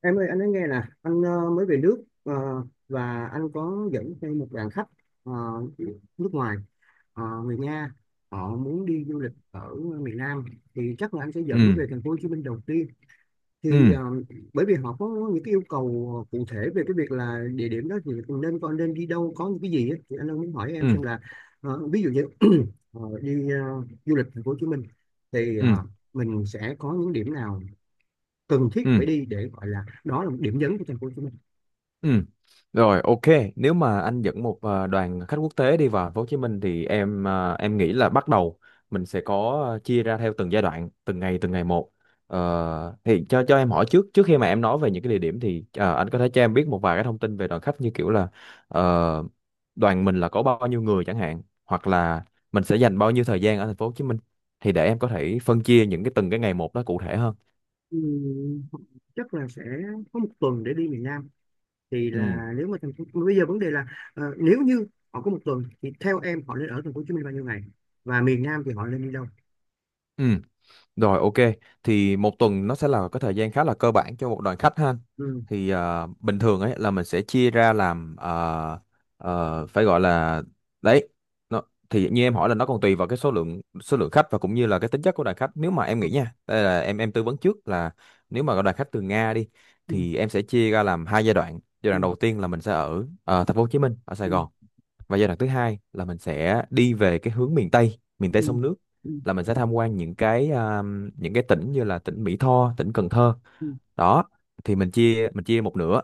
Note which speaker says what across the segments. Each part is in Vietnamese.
Speaker 1: Em ơi, anh nói nghe nè, anh mới về nước, và anh có dẫn theo một đoàn khách, ờ, nước ngoài, người Nga, họ muốn đi du lịch ở miền Nam thì chắc là anh sẽ dẫn
Speaker 2: Ừ.
Speaker 1: về Thành phố Hồ Chí Minh đầu tiên. Thì
Speaker 2: Ừ.
Speaker 1: bởi vì họ có những cái yêu cầu cụ thể về cái việc là địa điểm đó thì nên con nên đi đâu, có những cái gì á. Thì anh đang muốn hỏi em
Speaker 2: Ừ.
Speaker 1: xem là, ví dụ như đi du lịch Thành phố Hồ Chí Minh thì
Speaker 2: Ừ.
Speaker 1: mình sẽ có những điểm nào cần thiết
Speaker 2: Ừ.
Speaker 1: phải đi, để gọi là đó là một điểm nhấn của Thành phố Hồ Chí Minh.
Speaker 2: Ừ. Rồi, ok. Nếu mà anh dẫn một đoàn khách quốc tế đi vào Thành phố Hồ Chí Minh thì em, em nghĩ là bắt đầu mình sẽ có, chia ra theo từng giai đoạn, từng ngày một. Thì cho em hỏi, trước trước khi mà em nói về những cái địa điểm thì anh có thể cho em biết một vài cái thông tin về đoàn khách, như kiểu là ờ, đoàn mình là có bao nhiêu người chẳng hạn, hoặc là mình sẽ dành bao nhiêu thời gian ở Thành phố Hồ Chí Minh, thì để em có thể phân chia những cái từng cái ngày một đó cụ thể hơn.
Speaker 1: Ừm, chắc là sẽ có một tuần để đi miền Nam. Thì
Speaker 2: Ừ.
Speaker 1: là nếu mà thành phố bây giờ, vấn đề là nếu như họ có một tuần thì theo em họ nên ở Thành phố Hồ Chí Minh bao nhiêu ngày, và miền Nam thì họ nên đi đâu?
Speaker 2: Ừ. Rồi, ok, thì một tuần nó sẽ là cái thời gian khá là cơ bản cho một đoàn khách ha.
Speaker 1: Ừ.
Speaker 2: Thì bình thường ấy là mình sẽ chia ra làm, phải gọi là đấy. Nó, thì như em hỏi là nó còn tùy vào cái số lượng khách và cũng như là cái tính chất của đoàn khách. Nếu mà em
Speaker 1: Ừ.
Speaker 2: nghĩ nha, đây là em tư vấn trước là nếu mà có đoàn khách từ Nga đi
Speaker 1: Ừ.
Speaker 2: thì em sẽ chia ra làm hai giai đoạn. Giai
Speaker 1: Ừ.
Speaker 2: đoạn đầu tiên là mình sẽ ở, thành phố Hồ Chí Minh, ở Sài
Speaker 1: Ừ.
Speaker 2: Gòn, và giai đoạn thứ hai là mình sẽ đi về cái hướng miền Tây, miền Tây
Speaker 1: Ừ.
Speaker 2: sông nước,
Speaker 1: Ừ.
Speaker 2: là mình sẽ tham quan những cái, những cái tỉnh như là tỉnh Mỹ Tho, tỉnh Cần Thơ
Speaker 1: Ừ.
Speaker 2: đó. Thì mình chia một nửa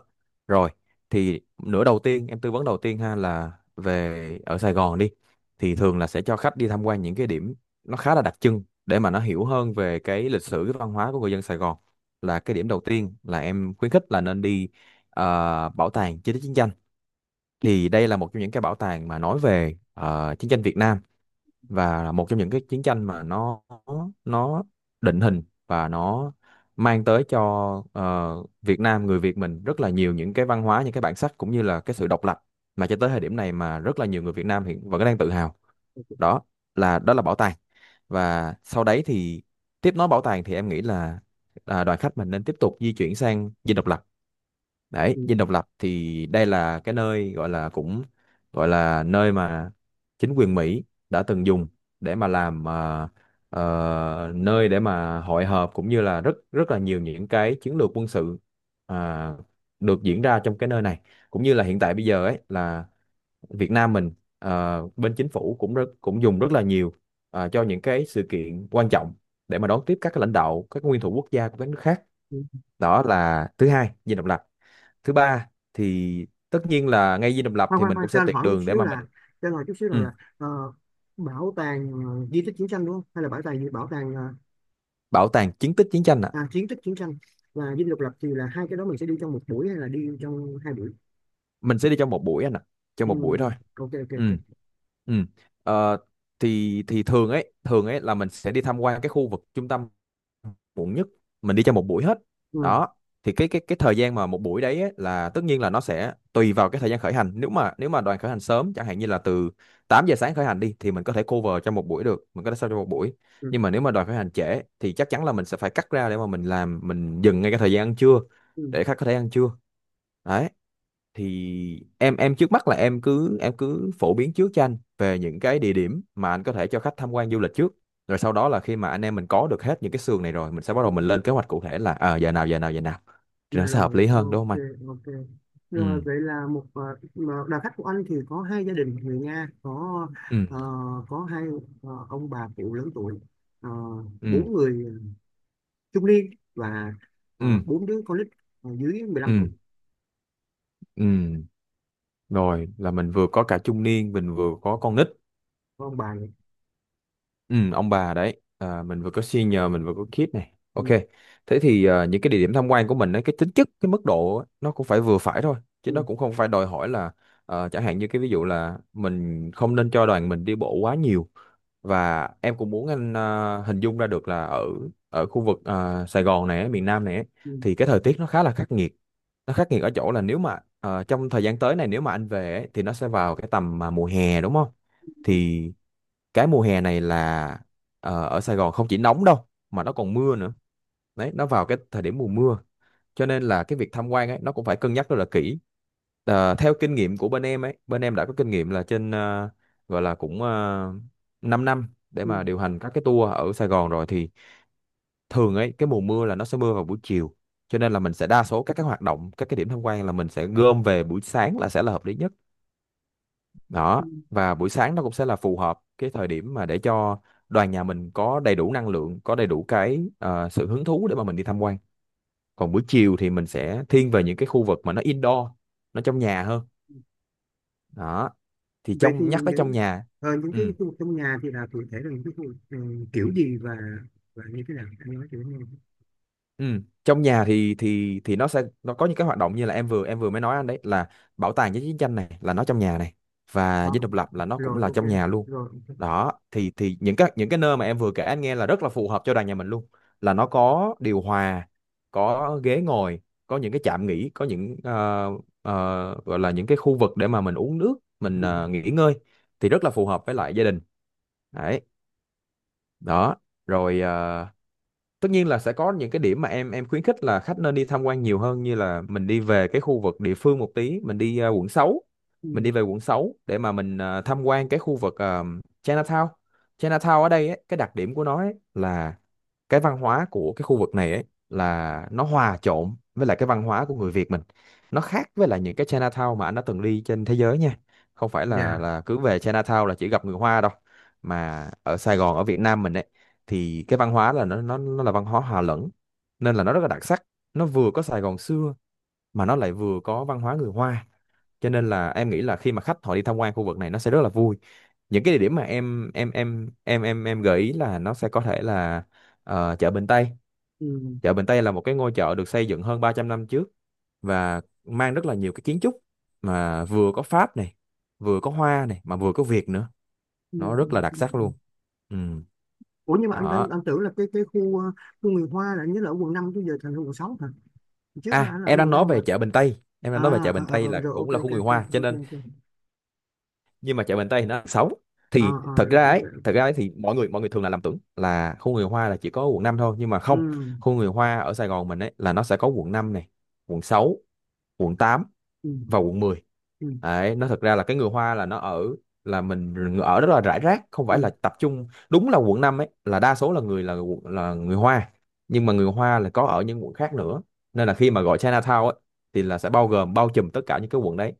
Speaker 2: rồi. Thì nửa đầu tiên em tư vấn đầu tiên ha là về ở Sài Gòn đi, thì thường là sẽ cho khách đi tham quan những cái điểm nó khá là đặc trưng để mà nó hiểu hơn về cái lịch sử, cái văn hóa của người dân Sài Gòn. Là cái điểm đầu tiên là em khuyến khích là nên đi, à, bảo tàng chiến tích chiến tranh. Thì đây là một trong những cái bảo tàng mà nói về chiến tranh Việt Nam, và là một trong những cái chiến tranh mà nó định hình và nó mang tới cho Việt Nam, người Việt mình, rất là nhiều những cái văn hóa, những cái bản sắc, cũng như là cái sự độc lập mà cho tới thời điểm này mà rất là nhiều người Việt Nam hiện vẫn đang tự hào. Đó là, đó là bảo tàng. Và sau đấy thì tiếp nối bảo tàng thì em nghĩ là, đoàn khách mình nên tiếp tục di chuyển sang Dinh Độc Lập. Đấy,
Speaker 1: Ừ.
Speaker 2: Dinh Độc Lập thì đây là cái nơi gọi là cũng gọi là nơi mà chính quyền Mỹ đã từng dùng để mà làm, nơi để mà hội họp, cũng như là rất rất là nhiều những cái chiến lược quân sự, à, được diễn ra trong cái nơi này. Cũng như là hiện tại bây giờ ấy là Việt Nam mình, bên chính phủ cũng rất cũng dùng rất là nhiều cho những cái sự kiện quan trọng để mà đón tiếp các lãnh đạo, các nguyên thủ quốc gia của các nước khác.
Speaker 1: Ừ.
Speaker 2: Đó là thứ hai, Dinh Độc Lập. Thứ ba thì tất nhiên là ngay Dinh Độc Lập
Speaker 1: Khoan
Speaker 2: thì
Speaker 1: khoan
Speaker 2: mình
Speaker 1: khoan,
Speaker 2: cũng sẽ tuyệt đường để mà mình...
Speaker 1: cho anh hỏi chút xíu rằng
Speaker 2: Ừ.
Speaker 1: là, ờ, bảo tàng di tích chiến tranh, đúng không, hay là bảo tàng gì, bảo tàng
Speaker 2: Bảo tàng chiến tích chiến tranh ạ.
Speaker 1: kiến thức chiến tranh, và Dinh Độc Lập, thì là hai cái đó mình sẽ đi trong một buổi hay là đi trong hai buổi?
Speaker 2: Mình sẽ đi trong một buổi anh ạ, trong
Speaker 1: Ừ,
Speaker 2: một buổi thôi.
Speaker 1: ok ok
Speaker 2: Ừ.
Speaker 1: ok.
Speaker 2: Ừ. Ờ, thì thường ấy là mình sẽ đi tham quan cái khu vực trung tâm, muộn nhất mình đi cho một buổi hết
Speaker 1: Ừ,
Speaker 2: đó. Thì cái thời gian mà một buổi đấy ấy, là tất nhiên là nó sẽ tùy vào cái thời gian khởi hành. Nếu mà đoàn khởi hành sớm chẳng hạn như là từ 8 giờ sáng khởi hành đi thì mình có thể cover cho một buổi được, mình có thể sao cho một buổi.
Speaker 1: ừ,
Speaker 2: Nhưng mà nếu mà đoàn khởi hành trễ thì chắc chắn là mình sẽ phải cắt ra để mà mình làm, mình dừng ngay cái thời gian ăn trưa
Speaker 1: ừ,
Speaker 2: để khách có thể ăn trưa. Đấy, thì em trước mắt là em cứ phổ biến trước cho anh về những cái địa điểm mà anh có thể cho khách tham quan du lịch trước, rồi sau đó là khi mà anh em mình có được hết những cái sườn này rồi mình sẽ bắt
Speaker 1: ừ.
Speaker 2: đầu mình lên kế hoạch cụ thể là ờ giờ nào, giờ nào, giờ nào, thì nó sẽ hợp
Speaker 1: Rồi,
Speaker 2: lý hơn đúng không anh.
Speaker 1: ok ok. Rồi
Speaker 2: Ừ.
Speaker 1: vậy là mà đoàn khách của anh thì có hai gia đình người Nga, có,
Speaker 2: Ừ.
Speaker 1: ờ, hai, ông bà cụ lớn tuổi, ờ,
Speaker 2: Ừ.
Speaker 1: bốn người trung niên, và
Speaker 2: Ừ.
Speaker 1: bốn đứa con nít, dưới 15 tuổi,
Speaker 2: Ừ. Ừ. Rồi là mình vừa có cả trung niên mình vừa có con nít.
Speaker 1: có ông bà vậy.
Speaker 2: Ừ, ông bà đấy à, mình vừa có senior mình vừa có kid này, ok.
Speaker 1: Ừ,
Speaker 2: Thế thì những cái địa điểm tham quan của mình ấy, cái tính chất, cái mức độ ấy, nó cũng phải vừa phải thôi, chứ
Speaker 1: ừ,
Speaker 2: nó cũng không phải đòi hỏi là chẳng hạn như cái ví dụ là mình không nên cho đoàn mình đi bộ quá nhiều. Và em cũng muốn anh, hình dung ra được là ở ở khu vực, Sài Gòn này ấy, miền Nam này ấy,
Speaker 1: ừ,
Speaker 2: thì cái thời tiết nó khá là khắc nghiệt. Nó khắc nghiệt ở chỗ là nếu mà trong thời gian tới này, nếu mà anh về ấy, thì nó sẽ vào cái tầm mà mùa hè đúng không.
Speaker 1: ừ,
Speaker 2: Thì cái mùa hè này là ở Sài Gòn không chỉ nóng đâu mà nó còn mưa nữa. Đấy, nó vào cái thời điểm mùa mưa, cho nên là cái việc tham quan ấy nó cũng phải cân nhắc rất là kỹ. Ờ, theo kinh nghiệm của bên em ấy, bên em đã có kinh nghiệm là trên, gọi là cũng 5 năm để
Speaker 1: ừ.
Speaker 2: mà điều hành các cái tour ở Sài Gòn rồi. Thì thường ấy cái mùa mưa là nó sẽ mưa vào buổi chiều, cho nên là mình sẽ đa số các cái hoạt động, các cái điểm tham quan là mình sẽ gom về buổi sáng, là sẽ là hợp lý nhất
Speaker 1: Ừ.
Speaker 2: đó. Và buổi sáng nó cũng sẽ là phù hợp cái thời điểm mà để cho đoàn nhà mình có đầy đủ năng lượng, có đầy đủ cái sự hứng thú để mà mình đi tham quan. Còn buổi chiều thì mình sẽ thiên về những cái khu vực mà nó indoor, nó trong nhà hơn đó. Thì
Speaker 1: Vậy thì
Speaker 2: trong, nhắc tới trong
Speaker 1: những,
Speaker 2: nhà.
Speaker 1: cái
Speaker 2: Ừ.
Speaker 1: khu vực trong nhà thì là cụ thể là những cái khu vực, kiểu gì, và như thế nào, anh nói kiểu như...
Speaker 2: Ừ. Trong nhà thì nó sẽ nó có những cái hoạt động như là em vừa mới nói anh đấy, là bảo tàng với chiến tranh này là nó trong nhà này, và
Speaker 1: Ờ,
Speaker 2: Dinh Độc Lập là nó cũng
Speaker 1: rồi
Speaker 2: là
Speaker 1: ok,
Speaker 2: trong nhà luôn.
Speaker 1: rồi ok.
Speaker 2: Đó thì những cái nơi mà em vừa kể anh nghe là rất là phù hợp cho đoàn nhà mình luôn, là nó có điều hòa, có ghế ngồi, có những cái trạm nghỉ, có những gọi là những cái khu vực để mà mình uống nước, mình
Speaker 1: Ừ.
Speaker 2: nghỉ ngơi. Thì rất là phù hợp với lại gia đình đấy đó. Rồi tất nhiên là sẽ có những cái điểm mà em khuyến khích là khách nên đi tham quan nhiều hơn, như là mình đi về cái khu vực địa phương một tí, mình đi Quận 6. Mình
Speaker 1: Ừ.
Speaker 2: đi về Quận 6 để mà mình tham quan cái khu vực, Chinatown. Chinatown ở đây ấy, cái đặc điểm của nó ấy là cái văn hóa của cái khu vực này ấy là nó hòa trộn với lại cái văn hóa của người Việt mình. Nó khác với lại những cái Chinatown mà anh đã từng đi trên thế giới nha, không phải là
Speaker 1: Dạ.
Speaker 2: là cứ về Chinatown là chỉ gặp người Hoa đâu, mà ở Sài Gòn, ở Việt Nam mình ấy, thì cái văn hóa là nó là văn hóa hòa lẫn, nên là nó rất là đặc sắc. Nó vừa có Sài Gòn xưa, mà nó lại vừa có văn hóa người Hoa, cho nên là em nghĩ là khi mà khách họ đi tham quan khu vực này nó sẽ rất là vui. Những cái địa điểm mà em gợi ý là nó sẽ có thể là chợ Bình Tây.
Speaker 1: Ừ.
Speaker 2: Chợ Bình Tây là một cái ngôi chợ được xây dựng hơn 300 năm trước, và mang rất là nhiều cái kiến trúc mà vừa có Pháp này, vừa có Hoa này, mà vừa có Việt nữa.
Speaker 1: Ừ.
Speaker 2: Nó
Speaker 1: Ừ,
Speaker 2: rất là đặc
Speaker 1: ừ,
Speaker 2: sắc
Speaker 1: ừ.
Speaker 2: luôn. Ừ.
Speaker 1: Ủa, nhưng mà
Speaker 2: Đó.
Speaker 1: anh tưởng là cái khu người Hoa, là anh nhớ là ở Quận 5, chứ giờ thành Quận 6 hả? Trước đó
Speaker 2: À,
Speaker 1: anh là ở
Speaker 2: em đang
Speaker 1: quận
Speaker 2: nói
Speaker 1: 5 mà.
Speaker 2: về chợ Bình Tây. Em đang nói về
Speaker 1: À.
Speaker 2: chợ
Speaker 1: Ờ,
Speaker 2: Bình
Speaker 1: ờ,
Speaker 2: Tây
Speaker 1: ờ,
Speaker 2: là
Speaker 1: rồi ok
Speaker 2: cũng là khu
Speaker 1: ok
Speaker 2: người
Speaker 1: ok
Speaker 2: Hoa, cho
Speaker 1: ok
Speaker 2: nên
Speaker 1: ok.
Speaker 2: nhưng mà chợ Bình Tây thì nó là xấu.
Speaker 1: À, à,
Speaker 2: Thì
Speaker 1: rồi ok ok.
Speaker 2: thật ra ấy thì mọi người thường là lầm tưởng là khu người Hoa là chỉ có quận 5 thôi, nhưng mà
Speaker 1: Ừ.
Speaker 2: không. Khu người Hoa ở Sài Gòn mình ấy là nó sẽ có quận 5 này, quận 6, quận 8
Speaker 1: Ừ.
Speaker 2: vào quận mười.
Speaker 1: Ừ.
Speaker 2: Đấy, nó thật ra là cái người Hoa là nó ở là mình ở rất là rải rác, không phải
Speaker 1: Ừ.
Speaker 2: là tập trung, đúng là quận 5 ấy là đa số là là người Hoa, nhưng mà người Hoa là có ở những quận khác nữa, nên là khi mà gọi Chinatown ấy thì là sẽ bao gồm bao trùm tất cả những cái quận đấy.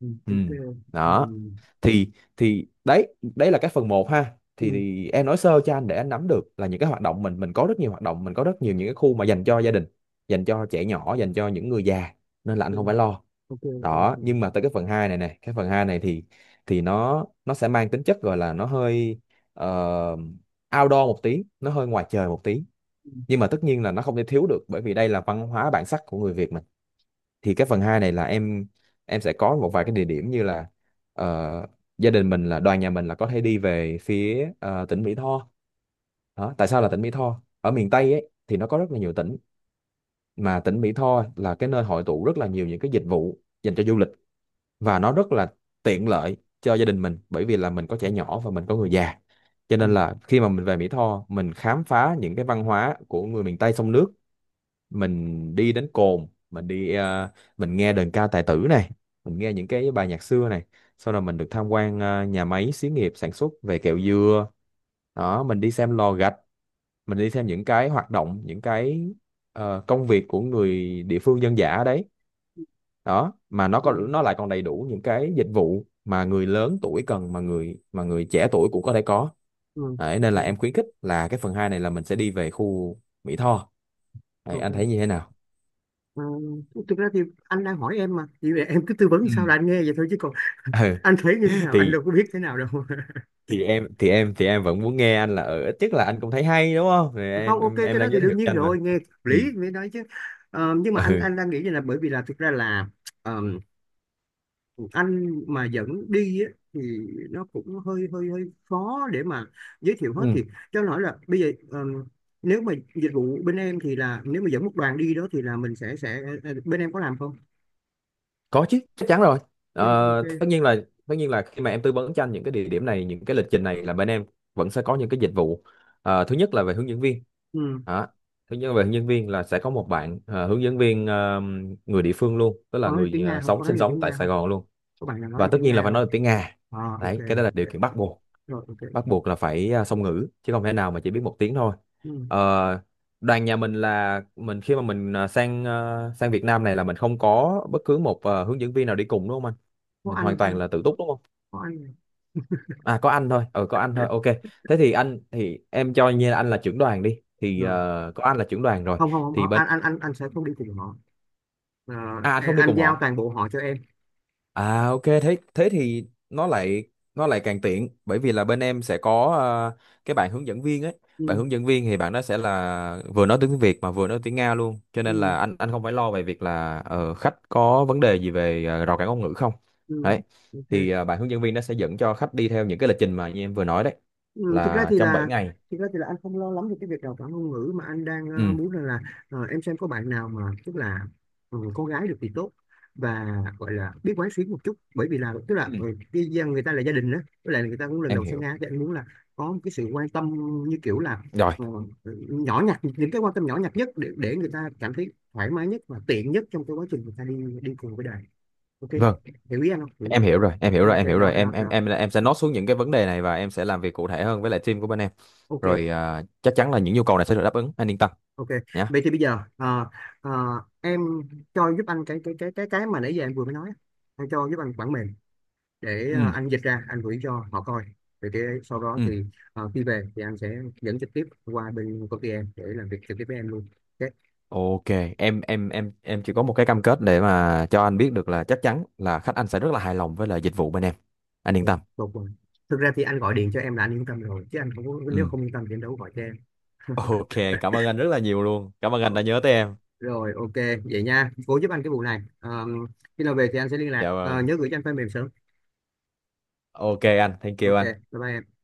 Speaker 1: Ừ.
Speaker 2: Ừ.
Speaker 1: Ok. Ừ.
Speaker 2: Đó. thì thì đấy, đấy là cái phần một ha, thì,
Speaker 1: Ừ.
Speaker 2: thì em nói sơ cho anh để anh nắm được là những cái hoạt động, mình có rất nhiều hoạt động, mình có rất nhiều những cái khu mà dành cho gia đình, dành cho trẻ nhỏ, dành cho những người già, nên là anh không phải lo.
Speaker 1: Ok ok ok ok.
Speaker 2: Đó, nhưng mà tới cái phần 2 này, này cái phần 2 này thì nó sẽ mang tính chất gọi là nó hơi ờ, outdoor một tí, nó hơi ngoài trời một tí,
Speaker 1: Ừ.
Speaker 2: nhưng mà tất nhiên là nó không thể thiếu được bởi vì đây là văn hóa bản sắc của người Việt mình. Thì cái phần 2 này là em sẽ có một vài cái địa điểm như là ờ, gia đình mình là đoàn nhà mình là có thể đi về phía tỉnh Mỹ Tho. Đó, tại sao là tỉnh Mỹ Tho, ở miền Tây ấy thì nó có rất là nhiều tỉnh mà tỉnh Mỹ Tho là cái nơi hội tụ rất là nhiều những cái dịch vụ dành cho du lịch, và nó rất là tiện lợi cho gia đình mình bởi vì là mình có trẻ nhỏ và mình có người già. Cho
Speaker 1: Ừ.
Speaker 2: nên là khi mà mình về Mỹ Tho, mình khám phá những cái văn hóa của người miền Tây sông nước, mình đi đến cồn, mình nghe đờn ca tài tử này, mình nghe những cái bài nhạc xưa này, sau đó mình được tham quan nhà máy xí nghiệp sản xuất về kẹo dừa. Đó, mình đi xem lò gạch, mình đi xem những cái hoạt động, những cái công việc của người địa phương dân dã ở đấy. Đó, mà nó
Speaker 1: Ừ,
Speaker 2: còn, nó lại còn đầy đủ những cái dịch vụ mà người lớn tuổi cần mà người trẻ tuổi cũng có thể có.
Speaker 1: ừ,
Speaker 2: Đấy,
Speaker 1: ok,
Speaker 2: nên là em khuyến khích là cái phần 2 này là mình sẽ đi về khu Mỹ Tho. Đấy, anh
Speaker 1: ok.
Speaker 2: thấy như thế nào.
Speaker 1: Ờ, thực ra thì anh đang hỏi em mà, chỉ em cứ tư vấn
Speaker 2: Ừ.
Speaker 1: sao là anh nghe vậy thôi, chứ còn anh thấy như thế
Speaker 2: Ừ,
Speaker 1: nào, anh
Speaker 2: thì
Speaker 1: đâu có biết thế nào đâu.
Speaker 2: em vẫn muốn nghe anh là ở ít nhất là anh cũng thấy hay đúng không, thì
Speaker 1: Không, ok,
Speaker 2: em
Speaker 1: cái đó
Speaker 2: đang
Speaker 1: thì
Speaker 2: giới thiệu
Speaker 1: đương nhiên
Speaker 2: cho anh mà.
Speaker 1: rồi, nghe hợp
Speaker 2: Ừ.
Speaker 1: lý mới nói chứ. Ờ, nhưng mà
Speaker 2: Ừ.
Speaker 1: anh đang nghĩ như là, bởi vì là thực ra là, ờm, anh mà dẫn đi á, thì nó cũng hơi hơi hơi khó để mà giới thiệu hết,
Speaker 2: Ừ.
Speaker 1: thì cho anh hỏi là bây giờ, nếu mà dịch vụ bên em thì là, nếu mà dẫn một đoàn đi đó thì là mình sẽ, bên em có làm không?
Speaker 2: Có chứ, chắc chắn rồi.
Speaker 1: Ok, ok.
Speaker 2: Ờ,
Speaker 1: Ok.
Speaker 2: tất nhiên là khi mà em tư vấn cho anh những cái địa điểm này, những cái lịch trình này, là bên em vẫn sẽ có những cái dịch vụ. Ờ, thứ nhất là về hướng dẫn viên.
Speaker 1: Ừ.
Speaker 2: Đó. Thứ nhất là về hướng dẫn viên là sẽ có một bạn hướng dẫn viên, người địa phương luôn, tức là
Speaker 1: Có nói được tiếng
Speaker 2: người
Speaker 1: Nga không? Có
Speaker 2: sống
Speaker 1: nói
Speaker 2: sinh
Speaker 1: được
Speaker 2: sống
Speaker 1: tiếng
Speaker 2: tại
Speaker 1: Nga không?
Speaker 2: Sài Gòn luôn.
Speaker 1: Có bạn nào nói
Speaker 2: Và
Speaker 1: được
Speaker 2: tất
Speaker 1: tiếng
Speaker 2: nhiên là
Speaker 1: Nga
Speaker 2: phải
Speaker 1: không?
Speaker 2: nói được tiếng Nga.
Speaker 1: À, ok
Speaker 2: Đấy, cái đó là điều
Speaker 1: ok
Speaker 2: kiện bắt
Speaker 1: ok.
Speaker 2: buộc.
Speaker 1: Rồi ok.
Speaker 2: Bắt buộc là phải song ngữ chứ không thể nào mà chỉ biết một tiếng thôi.
Speaker 1: Ừ.
Speaker 2: Ờ, đoàn nhà mình là mình khi mà mình sang Việt Nam này là mình không có bất cứ một hướng dẫn viên nào đi cùng đúng không anh.
Speaker 1: Có
Speaker 2: Mình
Speaker 1: anh
Speaker 2: hoàn toàn
Speaker 1: thôi.
Speaker 2: là tự túc đúng không.
Speaker 1: Có anh
Speaker 2: À có anh thôi, ờ có anh thôi, ok. Thế thì anh, thì em cho như là anh là trưởng đoàn đi thì
Speaker 1: rồi.
Speaker 2: ờ, có anh là trưởng đoàn rồi.
Speaker 1: Không, không, không,
Speaker 2: Thì
Speaker 1: không,
Speaker 2: bên
Speaker 1: anh sẽ không đi cùng họ. Ờ,
Speaker 2: À anh không đi
Speaker 1: anh
Speaker 2: cùng
Speaker 1: giao
Speaker 2: họ.
Speaker 1: toàn bộ họ cho em.
Speaker 2: À ok, thế thế thì nó lại, nó lại càng tiện bởi vì là bên em sẽ có cái bạn hướng dẫn viên ấy. Bạn
Speaker 1: Ừ,
Speaker 2: hướng dẫn viên thì bạn đó sẽ là vừa nói tiếng Việt mà vừa nói tiếng Nga luôn. Cho nên
Speaker 1: ừ,
Speaker 2: là anh không phải lo về việc là khách có vấn đề gì về rào cản ngôn ngữ không.
Speaker 1: ừ.
Speaker 2: Đấy.
Speaker 1: Ok.
Speaker 2: Thì ờ, bạn hướng dẫn viên nó sẽ dẫn cho khách đi theo những cái lịch trình mà như em vừa nói đấy,
Speaker 1: Ừ, thực ra
Speaker 2: là
Speaker 1: thì
Speaker 2: trong bảy
Speaker 1: là,
Speaker 2: ngày.
Speaker 1: anh không lo lắm về cái việc đào tạo ngôn ngữ, mà anh đang
Speaker 2: Ừ.
Speaker 1: muốn rằng là, em xem có bạn nào mà tức là, con gái được thì tốt, và gọi là biết quán xuyến một chút, bởi vì là tức là,
Speaker 2: Ừ.
Speaker 1: người ta là gia đình đó, với lại người ta cũng lần
Speaker 2: Em
Speaker 1: đầu sang
Speaker 2: hiểu.
Speaker 1: Nga, thì anh muốn là có một cái sự quan tâm, như kiểu là,
Speaker 2: Rồi.
Speaker 1: ờ, nhỏ nhặt, những cái quan tâm nhỏ nhặt nhất, để người ta cảm thấy thoải mái nhất và tiện nhất trong cái quá trình người ta đi đi cùng với đời. Ok,
Speaker 2: Vâng,
Speaker 1: hiểu ý anh không, hiểu?
Speaker 2: em hiểu rồi, em hiểu rồi
Speaker 1: Ok,
Speaker 2: em hiểu rồi
Speaker 1: đó đó đó.
Speaker 2: em sẽ note xuống những cái vấn đề này và em sẽ làm việc cụ thể hơn với lại team của bên em.
Speaker 1: Ok.
Speaker 2: Rồi, à, chắc chắn là những nhu cầu này sẽ được đáp ứng, anh yên tâm
Speaker 1: Ok,
Speaker 2: nhá.
Speaker 1: vậy thì bây giờ, ờ, em cho giúp anh cái mà nãy giờ em vừa mới nói á. Em cho giúp anh bản mềm, để
Speaker 2: Ừ.
Speaker 1: anh dịch ra, anh gửi cho họ coi. Vậy thì sau đó
Speaker 2: Ừ.
Speaker 1: thì, khi về thì anh sẽ dẫn trực tiếp qua bên công ty em, để làm việc trực tiếp với em luôn. Ok,
Speaker 2: Ok. Em chỉ có một cái cam kết để mà cho anh biết được là chắc chắn là khách anh sẽ rất là hài lòng với lại dịch vụ bên em, anh
Speaker 1: ok,
Speaker 2: yên tâm.
Speaker 1: tốt rồi. Thực ra thì anh gọi điện cho em là anh yên tâm rồi, chứ anh không có- nếu
Speaker 2: Ừ.
Speaker 1: không yên tâm thì anh đâu có gọi cho em.
Speaker 2: Ok, cảm ơn anh rất là nhiều luôn, cảm ơn
Speaker 1: Ờ,
Speaker 2: anh đã nhớ tới em.
Speaker 1: rồi, ok, vậy nha. Cố giúp anh cái vụ này. Ờ, khi nào về thì anh sẽ liên lạc.
Speaker 2: Dạ
Speaker 1: Ờ,
Speaker 2: vâng,
Speaker 1: nhớ gửi cho anh file mềm sớm.
Speaker 2: ok anh, thank you
Speaker 1: Ok,
Speaker 2: anh.
Speaker 1: bye bye em.